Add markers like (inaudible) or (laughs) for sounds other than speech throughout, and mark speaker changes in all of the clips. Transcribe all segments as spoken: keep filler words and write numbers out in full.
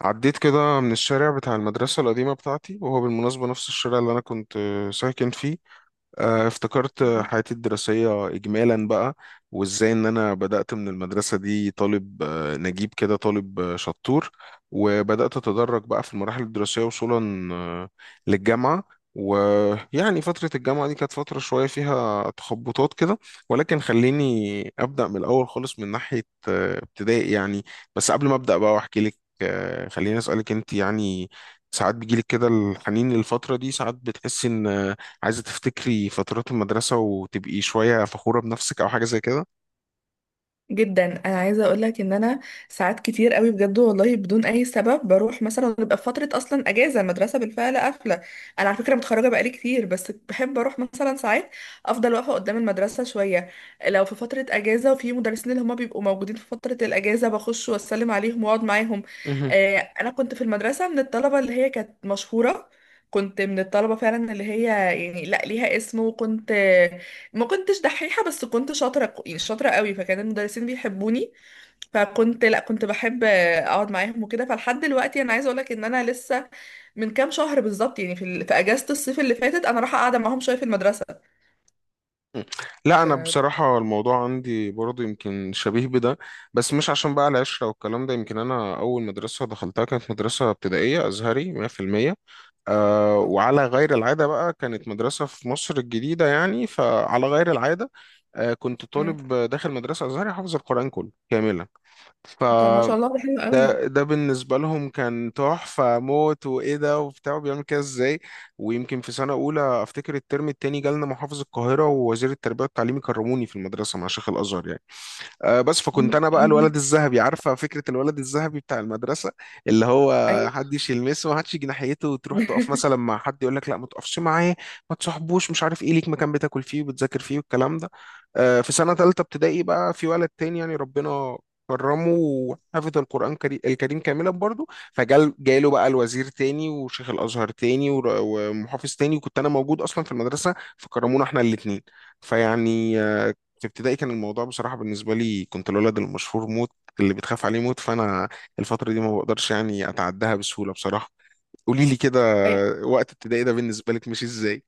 Speaker 1: عديت كده من الشارع بتاع المدرسة القديمة بتاعتي، وهو بالمناسبة نفس الشارع اللي أنا كنت ساكن فيه. آه، افتكرت حياتي الدراسية إجمالا بقى، وإزاي إن أنا بدأت من المدرسة دي طالب آه، نجيب كده، طالب آه، شطور، وبدأت أتدرج بقى في المراحل الدراسية وصولا آه، للجامعة. ويعني فترة الجامعة دي كانت فترة شوية فيها تخبطات كده، ولكن خليني أبدأ من الأول خالص، من ناحية آه، ابتدائي يعني. بس قبل ما أبدأ بقى وأحكي لك، آه، خليني أسألك أنت يعني، ساعات بيجيلك كده الحنين للفترة دي؟ ساعات بتحسي إن عايزة تفتكري فترات المدرسة وتبقي شوية فخورة بنفسك أو حاجة زي كده؟
Speaker 2: جدا، انا عايزه اقول لك ان انا ساعات كتير قوي بجد والله بدون اي سبب بروح مثلا، بيبقى في فتره اصلا اجازه المدرسه بالفعل قافله. انا على فكره متخرجه بقالي كتير، بس بحب اروح مثلا ساعات افضل واقفه قدام المدرسه شويه. لو في فتره اجازه وفي مدرسين اللي هما بيبقوا موجودين في فتره الاجازه، بخش واسلم عليهم واقعد معاهم.
Speaker 1: مهم.
Speaker 2: آه، انا كنت في المدرسه من الطلبه اللي هي كانت مشهوره. كنت من الطلبة فعلا اللي هي يعني لا ليها اسم. وكنت ما كنتش دحيحة، بس كنت شاطرة ك- يعني شاطرة قوي، فكان المدرسين بيحبوني. فكنت لا كنت بحب اقعد معاهم وكده. فلحد دلوقتي انا عايزة اقولك ان انا لسه من كام شهر بالظبط، يعني في, ال- في اجازة الصيف اللي فاتت انا رايحة قاعدة معاهم شوية في المدرسة.
Speaker 1: لا، أنا
Speaker 2: ف...
Speaker 1: بصراحة الموضوع عندي برضه يمكن شبيه بده. بس مش عشان بقى العشرة والكلام ده، يمكن أنا أول مدرسة دخلتها كانت مدرسة ابتدائية أزهري مية في المية. أه،
Speaker 2: أوك-
Speaker 1: وعلى غير العادة بقى كانت مدرسة في مصر الجديدة يعني، فعلى غير العادة أه كنت
Speaker 2: مم.
Speaker 1: طالب داخل مدرسة أزهري حافظ القرآن كله كاملا. ف
Speaker 2: طب ما شاء الله ده حلو قوي.
Speaker 1: ده ده بالنسبة لهم كان تحفة موت، وإيه ده، وبتاع بيعمل كده إزاي؟ ويمكن في سنة أولى أفتكر الترم التاني جالنا محافظ القاهرة ووزير التربية والتعليم يكرموني في المدرسة مع شيخ الأزهر يعني. آه، بس فكنت
Speaker 2: مم.
Speaker 1: انا بقى
Speaker 2: الله.
Speaker 1: الولد الذهبي، عارفه فكره الولد الذهبي بتاع المدرسه، اللي هو
Speaker 2: ايوه.
Speaker 1: محدش يلمسه، محدش يجي ناحيته، وتروح تقف مثلا
Speaker 2: (laughs)
Speaker 1: مع حد يقول لك لا ما تقفش معاه، ما تصاحبوش، مش عارف ايه، ليك مكان بتاكل فيه وبتذاكر فيه والكلام ده. آه، في سنه ثالثه ابتدائي بقى في ولد تاني يعني ربنا كرمه وحفظ القرآن كري- الكريم كاملا برضه. فجال جاله بقى الوزير تاني وشيخ الأزهر تاني ور- ومحافظ تاني، وكنت أنا موجود أصلا في المدرسة، فكرمونا احنا الاتنين. فيعني آه، في ابتدائي كان الموضوع بصراحة بالنسبة لي كنت الولد المشهور موت، اللي بتخاف عليه موت. فأنا الفترة دي ما بقدرش يعني أتعداها بسهولة بصراحة. قولي لي كده،
Speaker 2: أي-
Speaker 1: وقت ابتدائي ده بالنسبة لك مش إزاي؟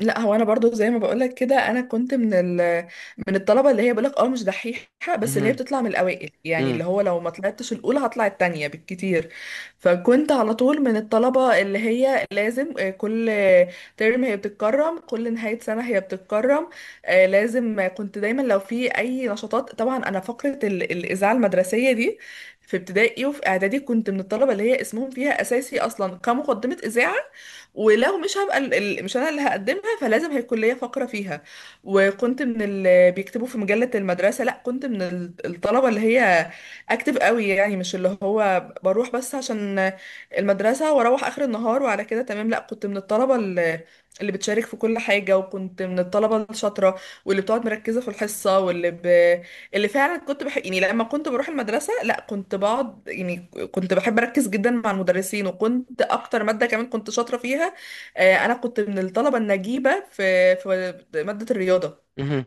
Speaker 2: لا، هو انا برضو زي ما بقولك كده انا كنت من ال... من الطلبه اللي هي بقولك اه مش دحيحه، بس اللي هي
Speaker 1: مهم.
Speaker 2: بتطلع من الاوائل، يعني
Speaker 1: مم.
Speaker 2: اللي هو لو ما طلعتش الاولى هطلع التانية بالكتير. فكنت على طول من الطلبه اللي هي لازم. آه، كل ترم هي بتتكرم، كل نهايه سنه هي بتتكرم. آه، لازم كنت دايما لو في اي نشاطات. طبعا انا فقره ال... الاذاعه المدرسيه دي في ابتدائي وفي اعدادي كنت من الطلبه اللي هي اسمهم فيها اساسي اصلا كمقدمه اذاعه، ولو مش هبقى ال- ال- مش انا اللي هقدمها فلازم هي الكليه فاقره فيها. وكنت من اللي بيكتبوا في مجله المدرسه. لا كنت من ال- الطلبه اللي هي اكتف قوي، يعني مش اللي هو بروح بس عشان المدرسه واروح اخر النهار وعلى كده تمام. لا كنت من الطلبه اللي اللي بتشارك في كل حاجه، وكنت من الطلبه الشاطره واللي بتقعد مركزه في الحصه، واللي ب... اللي فعلا كنت بحب. يعني لما كنت بروح المدرسة لا كنت بقعد، يعني كنت بحب أركز جدا مع المدرسين. وكنت أكتر مادة كمان كنت شاطرة فيها، آه، أنا كنت من الطلبة النجيبة في في مادة الرياضة.
Speaker 1: مهم.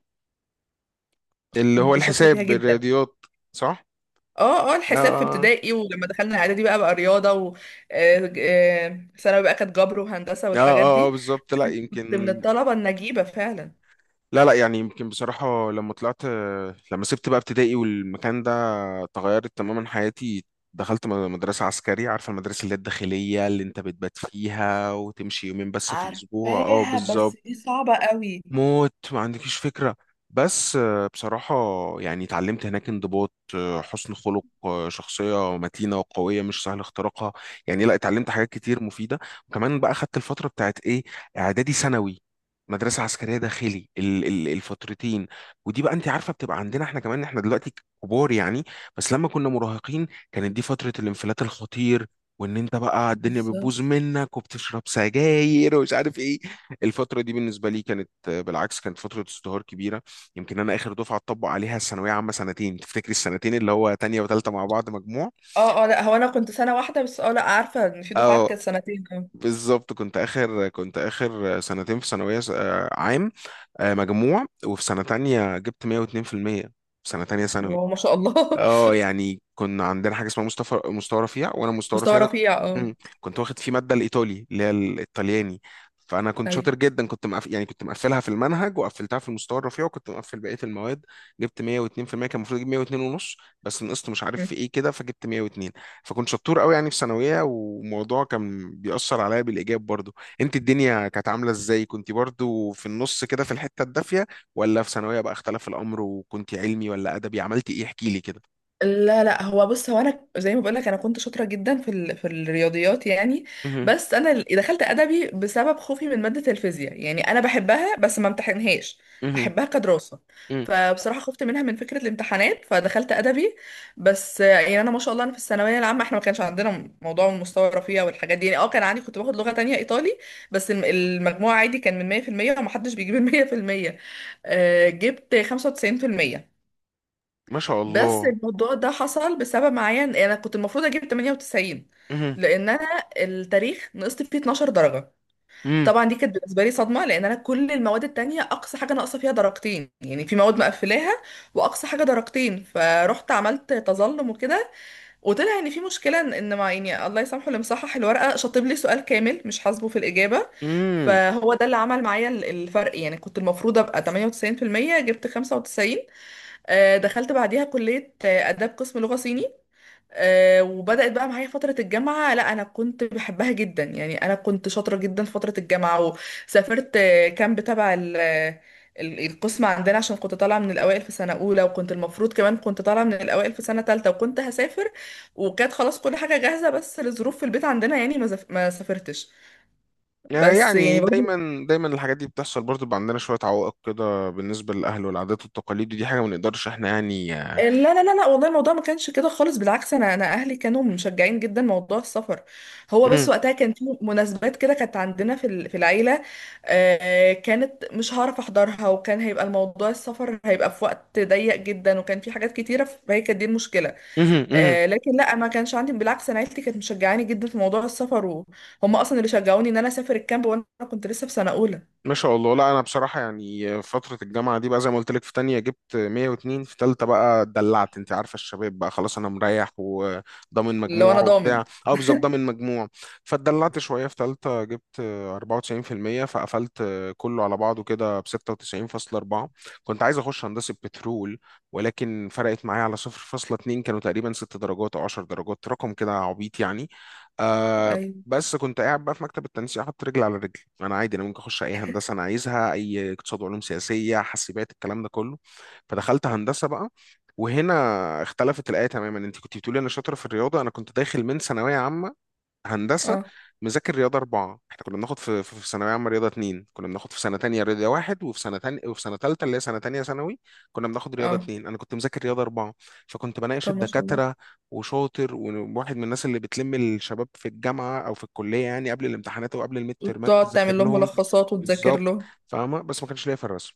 Speaker 1: اللي هو
Speaker 2: كنت شاطرة فيها
Speaker 1: الحساب،
Speaker 2: جدا.
Speaker 1: الرياضيات، صح؟
Speaker 2: اه اه
Speaker 1: اه
Speaker 2: الحساب في
Speaker 1: اه.
Speaker 2: ابتدائي، ولما دخلنا إعدادي بقى بقى رياضة، و آه، آه، ثانوي بقى كانت جبر وهندسة
Speaker 1: اه
Speaker 2: والحاجات
Speaker 1: اه. آه،
Speaker 2: دي.
Speaker 1: بالظبط. لا
Speaker 2: كنت من
Speaker 1: يمكن،
Speaker 2: الطلبة النجيبة فعلا.
Speaker 1: لا لا يعني يمكن بصراحة، لما طلعت، لما سبت بقى ابتدائي والمكان ده تغيرت تماما حياتي. دخلت م- مدرسة عسكرية، عارفة المدرسة اللي هي الداخلية اللي انت بتبات فيها وتمشي يومين بس في الأسبوع؟ اه
Speaker 2: عارفاها بس دي
Speaker 1: بالظبط.
Speaker 2: صعبة قوي.
Speaker 1: موت، ما عندكيش فكرة. بس آه، بصراحة يعني اتعلمت هناك انضباط، آه، حسن خلق، آه، شخصية متينة وقوية مش سهل اختراقها، يعني لا، اتعلمت حاجات كتير مفيدة. وكمان بقى خدت الفترة بتاعت ايه، اعدادي ثانوي، مدرسة عسكرية داخلي ال- ال- الفترتين. ودي بقى انت عارفة بتبقى عندنا احنا كمان، احنا دلوقتي كبار يعني، بس لما كنا مراهقين كانت دي فترة الانفلات الخطير، وان انت بقى الدنيا بتبوظ منك وبتشرب سجاير ومش عارف ايه. الفترة دي بالنسبة لي كانت آه، بالعكس، كانت فترة ازدهار كبيرة. يمكن أنا آخر دفعة اتطبق عليها الثانوية عامة سنتين، تفتكري السنتين اللي هو تانية وتالتة مع بعض مجموع؟
Speaker 2: اه اه، لا هو انا كنت سنه واحده بس. اه لا عارفه ان في دفعات
Speaker 1: اه
Speaker 2: كانت سنتين. اه
Speaker 1: بالظبط. كنت آخر، كنت آخر سنتين في ثانوية س- آه، عام. آه، مجموع، وفي سنة تانية جبت مية واتنين في المية في المية، في سنة تانية ثانوي.
Speaker 2: هو ما شاء الله.
Speaker 1: اه يعني كنا عندنا حاجه اسمها مستوى مستوى رفيع، وانا
Speaker 2: (laughs)
Speaker 1: مستوى
Speaker 2: مستوى
Speaker 1: رفيع ده.
Speaker 2: رفيع اه.
Speaker 1: مم. كنت واخد فيه ماده الايطالي، اللي هي الايطالياني. فانا كنت
Speaker 2: اي
Speaker 1: شاطر جدا، كنت مقف... يعني كنت مقفلها في المنهج، وقفلتها في المستوى الرفيع، وكنت مقفل بقيه المواد. جبت مية واتنين في المية. كان المفروض اجيب مية واتنين ونص، بس نقصت مش عارف في ايه كده، فجبت مية واتنين. فكنت شطور قوي يعني في ثانويه، وموضوع كان بيأثر عليا بالايجاب برضو. انت الدنيا كانت عامله ازاي؟ كنت برضو في النص كده في الحته الدافيه، ولا في ثانويه بقى اختلف الامر، وكنت علمي ولا ادبي، عملت ايه؟ احكي لي كده.
Speaker 2: لا لا، هو بص هو انا زي ما بقولك انا كنت شاطره جدا في ال... في الرياضيات، يعني.
Speaker 1: مهم.
Speaker 2: بس انا ال- دخلت ادبي بسبب خوفي من ماده الفيزياء، يعني انا بحبها بس ما امتحنهاش،
Speaker 1: مهم.
Speaker 2: احبها كدراسه.
Speaker 1: مهم.
Speaker 2: فبصراحه خفت منها من فكره الامتحانات فدخلت ادبي. بس آه، يعني انا ما شاء الله انا في الثانويه العامه احنا ما كانش عندنا موضوع المستوى الرفيع والحاجات دي. يعني اه كان عندي، كنت باخد لغه تانية ايطالي. بس الم- المجموع عادي كان من مية في المية، ومحدش بيجيب ال مية في المية. آه، جبت خمسة وتسعين في المية.
Speaker 1: ما شاء
Speaker 2: بس
Speaker 1: الله.
Speaker 2: الموضوع ده حصل بسبب معين، انا كنت المفروض اجيب تمنية وتسعين،
Speaker 1: مهم.
Speaker 2: لان انا التاريخ نقصت فيه اتناشر درجه.
Speaker 1: مم.
Speaker 2: طبعا دي كانت بالنسبه لي صدمه، لان انا كل المواد التانية اقصى حاجه ناقصه فيها درجتين، يعني في مواد مقفلاها واقصى حاجه درجتين، فرحت عملت تظلم وكده. وطلع ان في مشكله ان إن مع، يعني الله يسامحه، اللي مصحح الورقه شاطب لي سؤال كامل مش حاسبه في الاجابه.
Speaker 1: مم.
Speaker 2: فهو ده اللي عمل معايا ال- الفرق، يعني كنت المفروض ابقى تمنية وتسعين في المية جبت خمسة وتسعين. آه، دخلت بعديها كلية آه، آداب، قسم لغة صيني. آه، وبدأت بقى معايا فترة الجامعة. لا، أنا كنت بحبها جدا، يعني أنا كنت شاطرة جدا في فترة الجامعة. وسافرت آه، كامب تبع ال- آه، ال- القسم عندنا، عشان كنت طالعة من الأوائل في سنة أولى، وكنت المفروض كمان كنت طالعة من الأوائل في سنة تالتة، وكنت هسافر وكانت خلاص كل حاجة جاهزة. بس لظروف في البيت عندنا، يعني ما زف- ما سافرتش. بس يعني
Speaker 1: يعني
Speaker 2: برضو،
Speaker 1: دايما دايما الحاجات دي بتحصل برضه، بيبقى عندنا شوية عوائق كده بالنسبة للأهل والعادات والتقاليد، ودي حاجة ما نقدرش احنا يعني.
Speaker 2: لا لا لا لا، والله الموضوع ما كانش كده خالص. بالعكس انا انا اهلي كانوا مشجعين جدا موضوع السفر. هو
Speaker 1: مم.
Speaker 2: بس وقتها كان في مناسبات كده كانت عندنا في ال- في العيله، آه، كانت مش هعرف احضرها، وكان هيبقى الموضوع السفر هيبقى في وقت ضيق جدا وكان في حاجات كتيره، فهي كانت دي المشكله.
Speaker 1: مهم. مهم.
Speaker 2: آه، لكن لا ما كانش عندي. بالعكس، انا عيلتي كانت مشجعاني جدا في موضوع السفر، وهم اصلا اللي شجعوني ان انا اسافر الكامب، وانا كنت لسه في سنه اولى.
Speaker 1: ما شاء الله. لا انا بصراحه يعني فتره الجامعه دي بقى زي ما قلت لك، في تانية جبت مية واتنين، في تالتة بقى اتدلعت، انت عارفه الشباب بقى، خلاص انا مريح وضامن
Speaker 2: اللي هو انا
Speaker 1: مجموع
Speaker 2: ضامن.
Speaker 1: وبتاع. اه بالظبط ضامن مجموع. فاتدلعت شويه، في تالتة جبت اربعة وتسعين في المية، فقفلت كله على بعضه كده ب ستة وتسعين فاصلة اربعة. كنت عايز اخش هندسه بترول، ولكن فرقت معايا على صفر فاصل اثنين، كانوا تقريبا ست درجات او عشر درجات، رقم كده عبيط يعني. آه،
Speaker 2: ايوه.
Speaker 1: بس كنت قاعد بقى في مكتب التنسيق حاطط رجل على رجل، انا عادي انا ممكن اخش اي هندسه انا عايزها، اي اقتصاد وعلوم سياسيه حاسبات، الكلام ده كله. فدخلت هندسه بقى. وهنا اختلفت الايه تماما. انت كنت بتقولي انا شاطره في الرياضه، انا كنت داخل من ثانويه عامه هندسه
Speaker 2: اه
Speaker 1: مذاكر رياضه اربعه. احنا كنا بناخد في في في ثانويه عامه رياضه اتنين، كنا بناخد في سنه تانية رياضه واحد، وفي سنه تانية وفي سنه تالتة اللي هي سنه تانية ثانوي كنا بناخد رياضه
Speaker 2: اه
Speaker 1: اتنين، انا كنت مذاكر رياضه اربعه. فكنت بناقش
Speaker 2: طب ما شاء الله.
Speaker 1: الدكاتره وشاطر، وواحد من الناس اللي بتلم الشباب في الجامعه او في الكليه يعني قبل الامتحانات وقبل الميد ترمات
Speaker 2: وتقعد
Speaker 1: تذاكر
Speaker 2: تعمل لهم
Speaker 1: لهم.
Speaker 2: ملخصات وتذاكر
Speaker 1: بالظبط.
Speaker 2: له.
Speaker 1: فاهمه. بس ما كانش ليا في الرسم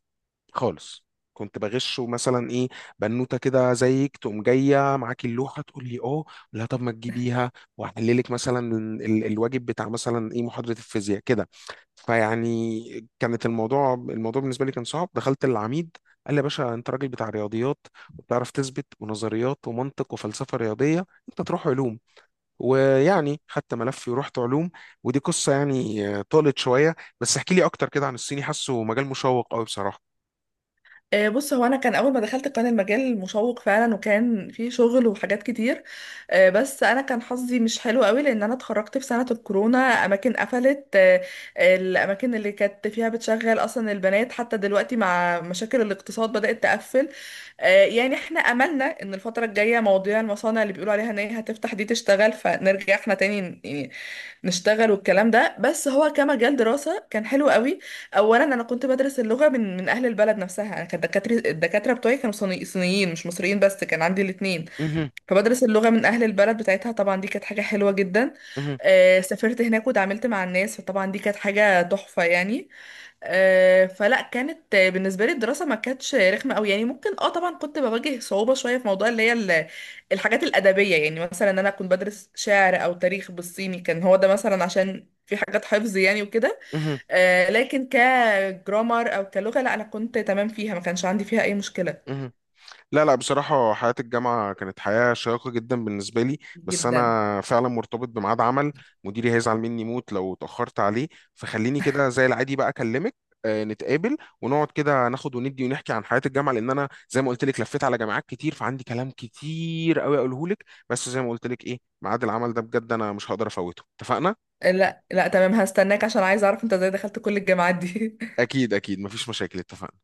Speaker 1: خالص. كنت بغشه، مثلا ايه، بنوته كده زيك تقوم جايه معاكي اللوحه تقول لي اه لا طب ما تجيبيها، واحللك مثلا ال- الواجب بتاع مثلا ايه محاضره الفيزياء كده. فيعني كانت الموضوع الموضوع بالنسبه لي كان صعب. دخلت العميد قال لي يا باشا، انت راجل بتاع رياضيات، وبتعرف تثبت ونظريات ومنطق وفلسفه رياضيه، انت تروح علوم. ويعني خدت ملفي ورحت علوم. ودي قصه يعني آه، طالت شويه. بس احكي لي اكتر كده عن الصيني، حاسه مجال مشوق قوي بصراحه.
Speaker 2: آه، بص، هو انا كان اول ما دخلت كان المجال مشوق فعلا وكان فيه شغل وحاجات كتير. آه، بس انا كان حظي مش حلو قوي، لان انا اتخرجت في سنة الكورونا. اماكن قفلت، آه، الاماكن اللي كانت فيها بتشغل اصلا البنات حتى دلوقتي مع مشاكل الاقتصاد بدأت تقفل. آه، يعني احنا املنا ان الفترة الجاية مواضيع المصانع اللي بيقولوا عليها ان هي هتفتح دي تشتغل، فنرجع احنا تاني يعني نشتغل والكلام ده. بس هو كمجال دراسة كان حلو قوي. اولا انا كنت بدرس اللغه من من اهل البلد نفسها. انا كانت دكاتره الدكاتره بتوعي كانوا صيني- صينيين مش مصريين، بس كان عندي الاثنين. فبدرس اللغه من اهل البلد بتاعتها، طبعا دي كانت حاجه حلوه جدا.
Speaker 1: مهم.
Speaker 2: آه سافرت هناك وتعاملت مع الناس، فطبعا دي كانت حاجه تحفه يعني. آه فلا كانت، آه، بالنسبه لي الدراسه ما كانتش رخمه قوي، يعني ممكن اه طبعا كنت بواجه صعوبه شويه في موضوع اللي هي ال- الحاجات الادبيه، يعني مثلا انا كنت بدرس شعر او تاريخ بالصيني كان هو ده مثلا عشان في حاجات حفظ يعني وكده.
Speaker 1: مهم.
Speaker 2: آه، لكن كجرامر او كلغه لا انا كنت تمام فيها، ما كانش عندي فيها اي مشكله.
Speaker 1: مهم. لا لا، بصراحة حياة الجامعة كانت حياة شيقة جدا بالنسبة لي. بس
Speaker 2: جدا.
Speaker 1: أنا فعلا مرتبط بميعاد عمل، مديري هيزعل مني موت لو اتأخرت عليه. فخليني كده زي العادي بقى أكلمك، آه، نتقابل ونقعد كده، ناخد وندي ونحكي عن حياة الجامعة، لأن أنا زي ما قلت لك لفيت على جامعات كتير فعندي كلام كتير أوي أقوله لك. بس زي ما قلت لك إيه، ميعاد العمل ده بجد أنا مش هقدر أفوته، اتفقنا؟
Speaker 2: آه، لا لا تمام، هستناك عشان عايزه اعرف انت ازاي دخلت كل الجامعات دي (laughs)
Speaker 1: أكيد أكيد، مفيش مشاكل. اتفقنا.